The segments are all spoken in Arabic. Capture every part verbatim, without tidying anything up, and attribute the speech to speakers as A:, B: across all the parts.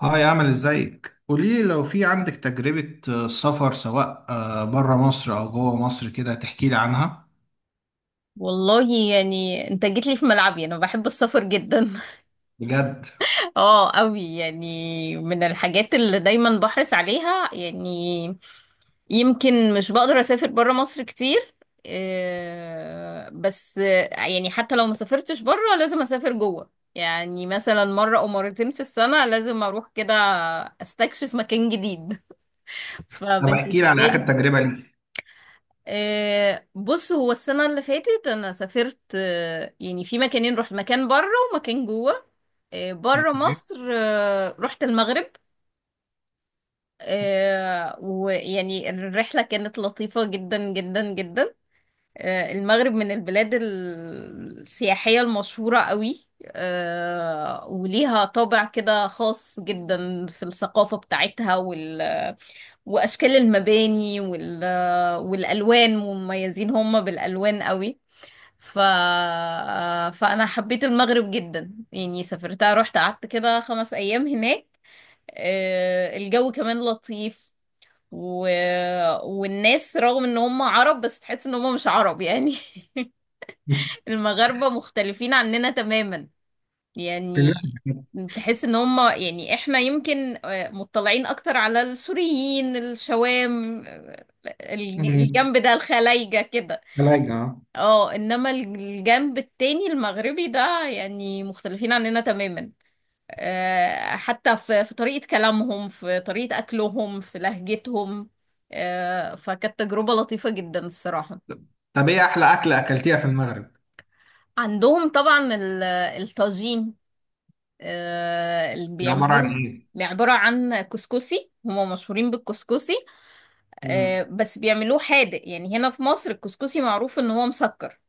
A: هاي، عامل ازيك؟ قوليلي لو في عندك تجربة آه، سفر سواء بره مصر او جوه مصر كده، تحكيلي عنها.
B: والله يعني انت جيت لي في ملعبي، انا بحب السفر جدا.
A: بجد؟
B: اه قوي، يعني من الحاجات اللي دايما بحرص عليها. يعني يمكن مش بقدر اسافر برا مصر كتير، آه، بس، آه، يعني حتى لو ما سافرتش برا لازم اسافر جوه، يعني مثلا مرة او مرتين في السنة لازم اروح كده استكشف مكان جديد.
A: طب
B: فبالنسبة
A: احكيلي على اخر
B: لي،
A: تجربة ليك.
B: آه، بص، هو السنة اللي فاتت أنا سافرت، آه، يعني في مكانين، رحت مكان بره ومكان جوه. آه، بره
A: أوكي.
B: مصر، آه، رحت المغرب. آه، ويعني الرحلة كانت لطيفة جدا جدا جدا. آه، المغرب من البلاد ال- السياحية المشهورة قوي، آه، وليها طابع كده خاص جدا في الثقافة بتاعتها وال... وأشكال المباني وال... والألوان، مميزين هم بالألوان قوي. ف... فأنا حبيت المغرب جدا، يعني سافرتها رحت قعدت كده خمس أيام هناك. آه، الجو كمان لطيف، و... والناس رغم ان هم عرب بس تحس ان هم مش عرب يعني. المغاربة مختلفين عننا تماما
A: في
B: يعني.
A: الرحلة.
B: تحس ان هم، يعني احنا يمكن، آه، مطلعين اكتر على السوريين الشوام، آه، الج-
A: أمم،
B: الجنب ده الخلايجة كده.
A: ثلاجة آه.
B: اه، انما الجنب التاني المغربي ده يعني مختلفين عننا تماما، آه، حتى في في طريقة كلامهم، في طريقة اكلهم، في لهجتهم. آه، فكانت تجربة لطيفة جدا الصراحة.
A: طب ايه احلى اكلة اكلتيها في المغرب؟
B: عندهم طبعا ال- الطاجين، آه، اللي
A: دي عبارة عن
B: بيعملوه.
A: ايه؟
B: يعني عبارة عن كسكسي، هما مشهورين بالكسكسي،
A: أمم،
B: آه، بس بيعملوه حادق. يعني هنا في مصر الكسكسي معروف ان هو مسكر،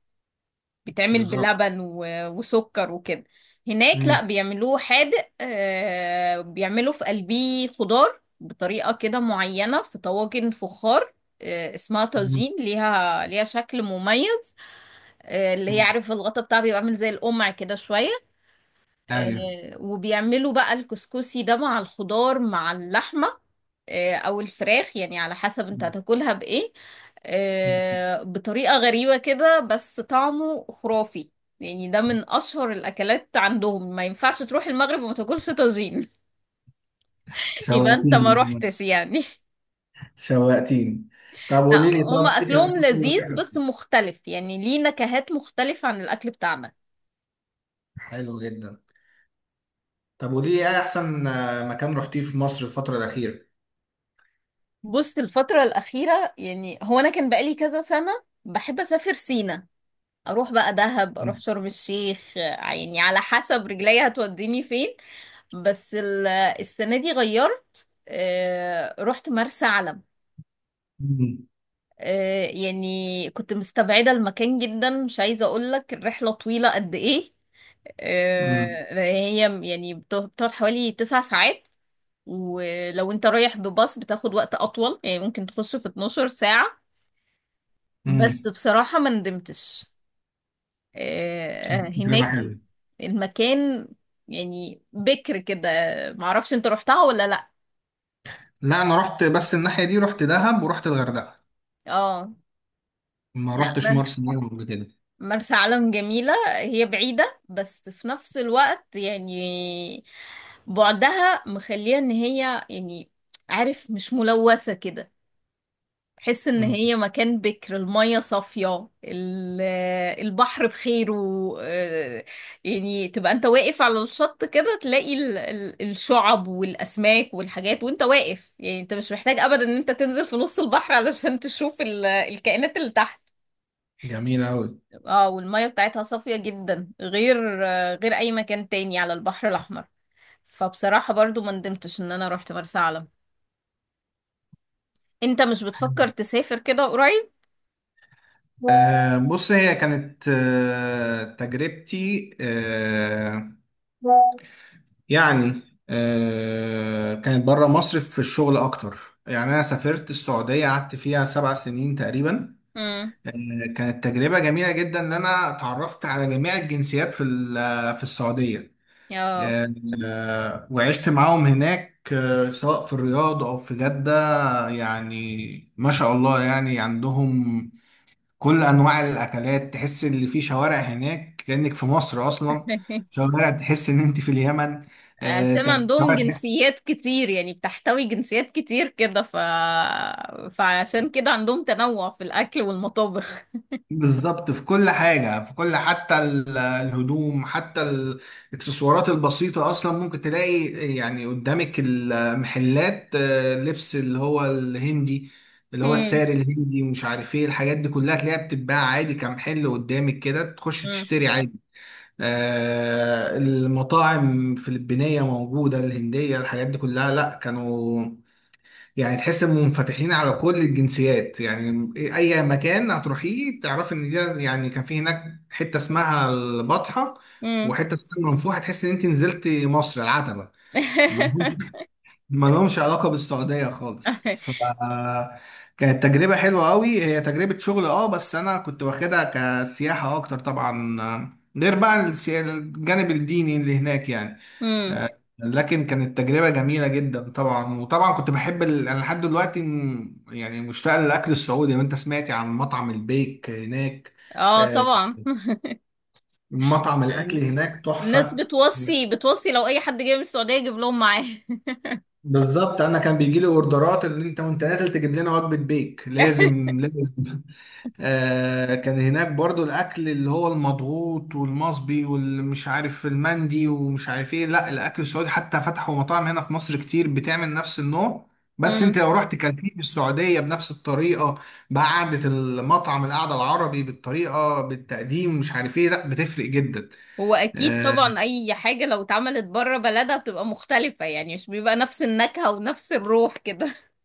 B: بيتعمل
A: بالظبط.
B: بلبن و- وسكر وكده. هناك لا،
A: أمم،
B: بيعملوه حادق، آه، بيعملوا في قلبيه خضار بطريقة كده معينة في طواجن فخار، آه، اسمها
A: أمم،
B: طاجين، ليها ليها شكل مميز. آه، اللي هي
A: أمم.
B: عارف الغطا بتاعها بيبقى عامل زي القمع كده شوية.
A: ايوه.
B: آه، وبيعملوا بقى الكسكسي ده مع الخضار مع اللحمة، آه، أو الفراخ يعني على حسب انت
A: أمم،
B: هتاكلها بإيه،
A: أمم.
B: آه، بطريقة غريبة كده بس طعمه خرافي. يعني ده من أشهر الأكلات عندهم، ما ينفعش تروح المغرب وما تاكلش طاجين. يبقى انت ما
A: شوقتيني،
B: روحتش يعني.
A: شوقتيني. طب
B: لا،
A: قوليلي،
B: هما
A: طب ايه كان
B: أكلهم
A: اول...
B: لذيذ بس مختلف، يعني ليه نكهات مختلفة عن الأكل بتاعنا.
A: حلو جدا. طب ودي ايه احسن آه، مكان رحتيه في مصر الفترة الأخيرة؟
B: بص، الفترة الأخيرة يعني، هو أنا كان بقالي كذا سنة بحب أسافر سينا، اروح بقى دهب، اروح شرم الشيخ، آه، يعني على حسب رجليا هتوديني فين. بس ال- السنة دي غيرت، آه، رحت مرسى علم.
A: امم
B: آه، يعني كنت مستبعدة المكان جدا، مش عايزة اقولك الرحلة طويلة قد ايه.
A: امم
B: آه، هي يعني بت- بتقعد حوالي تسع ساعات، ولو انت رايح بباص بتاخد وقت اطول، يعني ممكن تخش في اتناشر ساعة. بس
A: امم
B: بصراحة ما ندمتش. آه،
A: تجربة
B: هناك
A: حلوة.
B: المكان يعني بكر كده. معرفش انت روحتها ولا لا.
A: لا انا رحت، بس الناحية دي رحت دهب ورحت الغردقة،
B: اه،
A: ما
B: لا،
A: رحتش
B: مر-
A: مرسى مطروح قبل كده.
B: مرسى علم جميلة. هي بعيدة بس في نفس الوقت يعني بعدها مخليها ان هي يعني، عارف، مش ملوثة كده. تحس ان
A: مم.
B: هي مكان بكر، المية صافية، ال- البحر بخيره. آه، يعني تبقى انت واقف على الشط كده تلاقي ال- ال- الشعب والاسماك والحاجات وانت واقف، يعني انت مش محتاج ابدا ان انت تنزل في نص البحر علشان تشوف ال- الكائنات اللي تحت.
A: جميلة أوي.
B: اه، والمية بتاعتها صافية جدا، غير، آه، غير اي مكان تاني على البحر الاحمر. فبصراحة برضو ما ندمتش ان انا رحت مرسى علم. انت مش بتفكر تسافر كده قريب؟
A: آه بص، هي كانت آه تجربتي، آه يعني آه كانت بره مصر في الشغل اكتر، يعني انا سافرت السعودية، قعدت فيها سبع سنين تقريبا.
B: امم،
A: كانت تجربة جميلة جدا إن أنا اتعرفت على جميع الجنسيات في ال- في السعودية.
B: اه.
A: آه، آه، وعشت معاهم هناك، آه، سواء في الرياض أو في جدة. يعني ما شاء الله يعني عندهم كل أنواع الأكلات، تحس إن في شوارع هناك كأنك في مصر أصلا. شوارع تحس إن أنت في اليمن. آه،
B: عشان عندهم
A: شوارع
B: جنسيات كتير، يعني بتحتوي جنسيات كتير كده، ف... فعشان كده عندهم تنوع في الأكل والمطابخ.
A: بالظبط، في كل حاجة، في كل... حتى ال- الهدوم، حتى الاكسسوارات البسيطة أصلا ممكن تلاقي. يعني قدامك المحلات، آه، لبس اللي هو الهندي، اللي هو
B: مم.
A: الساري الهندي ومش عارف ايه، الحاجات دي كلها تلاقيها بتتباع عادي، كمحل قدامك كده تخش
B: مم.
A: تشتري عادي. آه، المطاعم الفلبينية موجودة، الهندية، الحاجات دي كلها، لا كانوا... يعني تحس انهم منفتحين على كل الجنسيات. يعني اي مكان هتروحيه تعرفي ان ده، يعني كان في هناك حته اسمها البطحه
B: مم.
A: وحته اسمها المنفوحه، تحس ان انت نزلت مصر العتبه. ما لهمش ما لهمش علاقه بالسعوديه خالص. ف... كانت تجربه حلوه قوي. هي تجربه شغل، اه، بس انا كنت واخدها كسياحه اكتر طبعا. غير بقى السيا- الجانب الديني اللي هناك يعني.
B: مم.
A: آه، لكن كانت تجربة جميلة جدا طبعا. وطبعا كنت بحب ال... انا لحد دلوقتي م- يعني مشتاق للاكل السعودي. وانت سمعتي عن مطعم البيك هناك؟
B: اه
A: آه،
B: طبعا.
A: مطعم الاكل
B: يعني
A: هناك
B: الناس
A: تحفة.
B: بتوصي، بتوصي لو أي حد جاي من السعودية يجيب لهم معاه.
A: بالظبط، انا كان بيجي لي اوردرات ان انت وانت نازل تجيب لنا وجبة بيك، لازم لازم. آه، كان هناك برضو الاكل اللي هو المضغوط والمصبي والمش عارف المندي ومش عارف ايه، لا الاكل السعودي حتى فتحوا مطاعم هنا في مصر كتير بتعمل نفس النوع، بس انت
B: مم.
A: لو رحت كلتيه في السعودية بنفس الطريقة، بقعدة المطعم، القعدة العربي، بالطريقة، بالتقديم، مش عارف ايه، لا بتفرق جدا.
B: هو أكيد
A: آه،
B: طبعا، أي حاجة لو اتعملت بره بلدها بتبقى مختلفة، يعني مش بيبقى نفس النكهة ونفس الروح كده.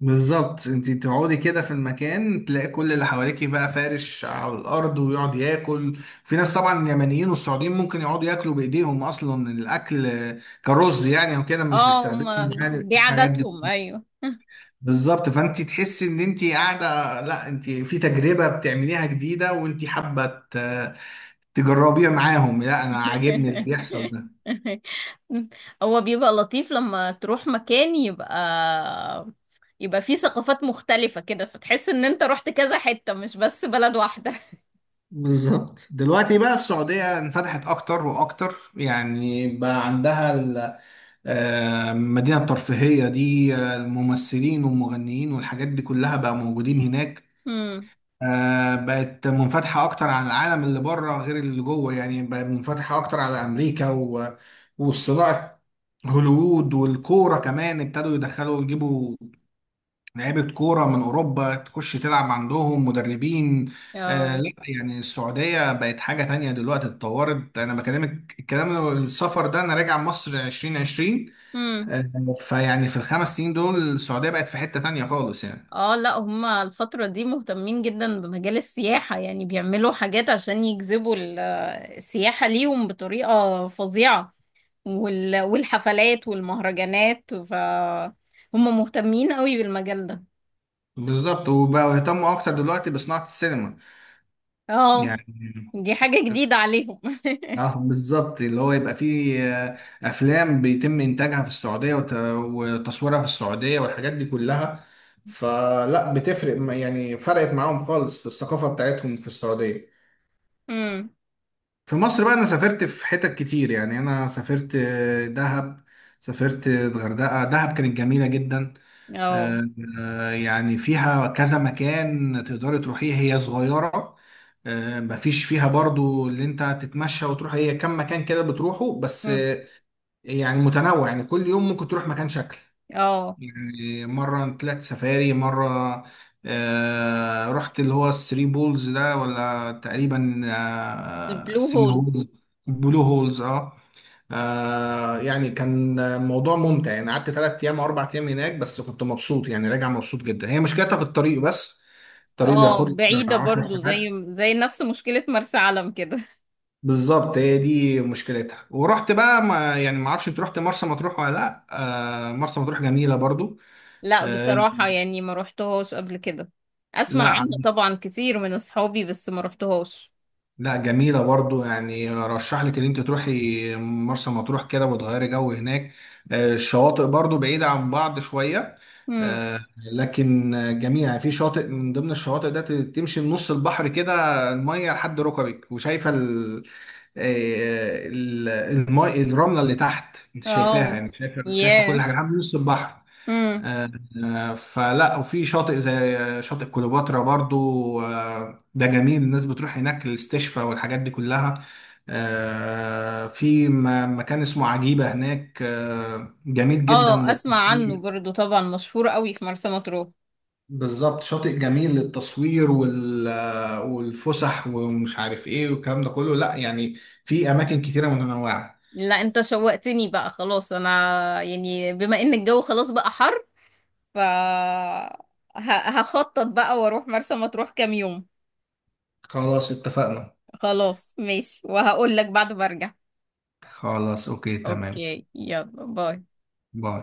A: بالظبط، انت تقعدي كده في المكان تلاقي كل اللي حواليكي بقى فارش على الارض ويقعد ياكل. في ناس طبعا، اليمنيين والسعوديين، ممكن يقعدوا ياكلوا بايديهم اصلا الاكل، كرز يعني وكده، مش
B: اه، هم،
A: بيستخدموا يعني
B: دي
A: الحاجات دي.
B: عاداتهم، أيوه.
A: بالظبط، فانت تحسي ان انت قاعده، لا انت في تجربه بتعمليها جديده وانت حابه ت- تجربيها معاهم. لا انا عاجبني اللي بيحصل ده.
B: هو بيبقى لطيف لما تروح مكان يبقى، يبقى فيه ثقافات مختلفة كده، فتحس ان انت رحت كذا حتة مش بس بلد واحدة.
A: بالظبط، دلوقتي بقى السعودية انفتحت أكتر وأكتر، يعني بقى عندها آه، المدينة الترفيهية دي، آه، الممثلين والمغنيين والحاجات دي كلها بقى موجودين هناك.
B: امم،
A: آه، بقت منفتحة أكتر على العالم اللي بره غير اللي جوه، يعني بقت منفتحة أكتر على أمريكا و... والصناعة، هوليوود، والكورة كمان ابتدوا يدخلوا يجيبوا لعيبة كورة من أوروبا تخش تلعب عندهم، مدربين. آه
B: اه،
A: لا يعني السعودية بقت حاجة تانية دلوقتي، اتطورت. أنا بكلمك الكلام، السفر ده أنا راجع مصر ألفين وعشرين،
B: امم،
A: آه، فيعني في الخمس سنين دول السعودية بقت في حتة تانية خالص يعني.
B: اه، لا، هما الفترة دي مهتمين جدا بمجال السياحة، يعني بيعملوا حاجات عشان يجذبوا ال- السياحة ليهم بطريقة فظيعة، وال- والحفلات والمهرجانات. ف هم مهتمين قوي بالمجال ده.
A: بالظبط، وبقوا يهتموا أكتر دلوقتي بصناعة السينما
B: اه،
A: يعني.
B: دي حاجة جديدة عليهم.
A: اه بالظبط، اللي هو يبقى فيه آه، أفلام بيتم إنتاجها في السعودية وت- وتصويرها في السعودية والحاجات دي كلها. فلا بتفرق م- يعني فرقت معاهم خالص في الثقافة بتاعتهم في السعودية.
B: امم،
A: في مصر بقى، أنا سافرت في حتت كتير يعني. أنا سافرت آه، دهب، سافرت الغردقة. دهب كانت جميلة جدا.
B: اه.
A: آه، آه، يعني فيها كذا مكان تقدري تروحيه، هي صغيرة، آه، مفيش فيها برضو اللي انت تتمشى وتروح، هي كم مكان كده بتروحه بس.
B: مم.
A: آه، يعني متنوع، يعني كل يوم ممكن تروح مكان شكل.
B: اه،
A: يعني مرة طلعت سفاري، مرة آه، رحت اللي هو الثري بولز ده ولا تقريبا آه،
B: البلو
A: ثري
B: هولز،
A: هولز. بلو هولز، اه. آه يعني كان موضوع ممتع، يعني قعدت ثلاث ايام او اربع ايام هناك بس كنت مبسوط، يعني راجع مبسوط جدا. هي مشكلتها في الطريق بس، الطريق
B: اه،
A: بياخد لي
B: بعيدة
A: 10
B: برضو، زي
A: ساعات.
B: زي نفس مشكلة مرسى علم كده.
A: بالظبط هي دي مشكلتها. ورحت بقى، ما يعني ما اعرفش انت رحت مرسى مطروح ولا لا. آه مرسى مطروح جميله برضو.
B: لا
A: آه
B: بصراحة، يعني ما روحتهاش قبل كده. اسمع
A: لا
B: عنها طبعا كتير من اصحابي بس ما روحتهاش.
A: لا جميلة برضو. يعني رشح لك ان انت تروحي مرسى مطروح كده وتغيري جو هناك. آه، الشواطئ برضو بعيدة عن بعض شوية.
B: امم،
A: آه، لكن جميلة، يعني في شاطئ من ضمن الشواطئ ده ت- تمشي من نص البحر كده، المية لحد ركبك وشايفة ال- آه، ال- المي، الرملة اللي تحت انت شايفاها،
B: اه،
A: يعني شايفة، شايفة كل
B: ياه،
A: حاجة لحد نص البحر.
B: امم،
A: آه، آه، فلا، وفي شاطئ زي آه، شاطئ كليوباترا برضو. آه، ده جميل، الناس بتروح هناك للاستشفاء والحاجات دي كلها. آه، في م- مكان اسمه عجيبة هناك، آه، جميل جدا
B: اه، اسمع عنه
A: للتصوير.
B: برضو طبعا، مشهور قوي في مرسى مطروح.
A: بالظبط، شاطئ جميل للتصوير وال- آه، والفسح ومش عارف ايه والكلام ده كله، لا يعني في اماكن كتيرة متنوعة.
B: لا انت شوقتني بقى خلاص، انا يعني بما ان الجو خلاص بقى حر، ف ه- هخطط بقى واروح مرسى مطروح كام يوم.
A: خلاص اتفقنا.
B: خلاص ماشي، وهقول لك بعد ما ارجع.
A: خلاص، اوكي، تمام.
B: اوكي يلا باي.
A: باي.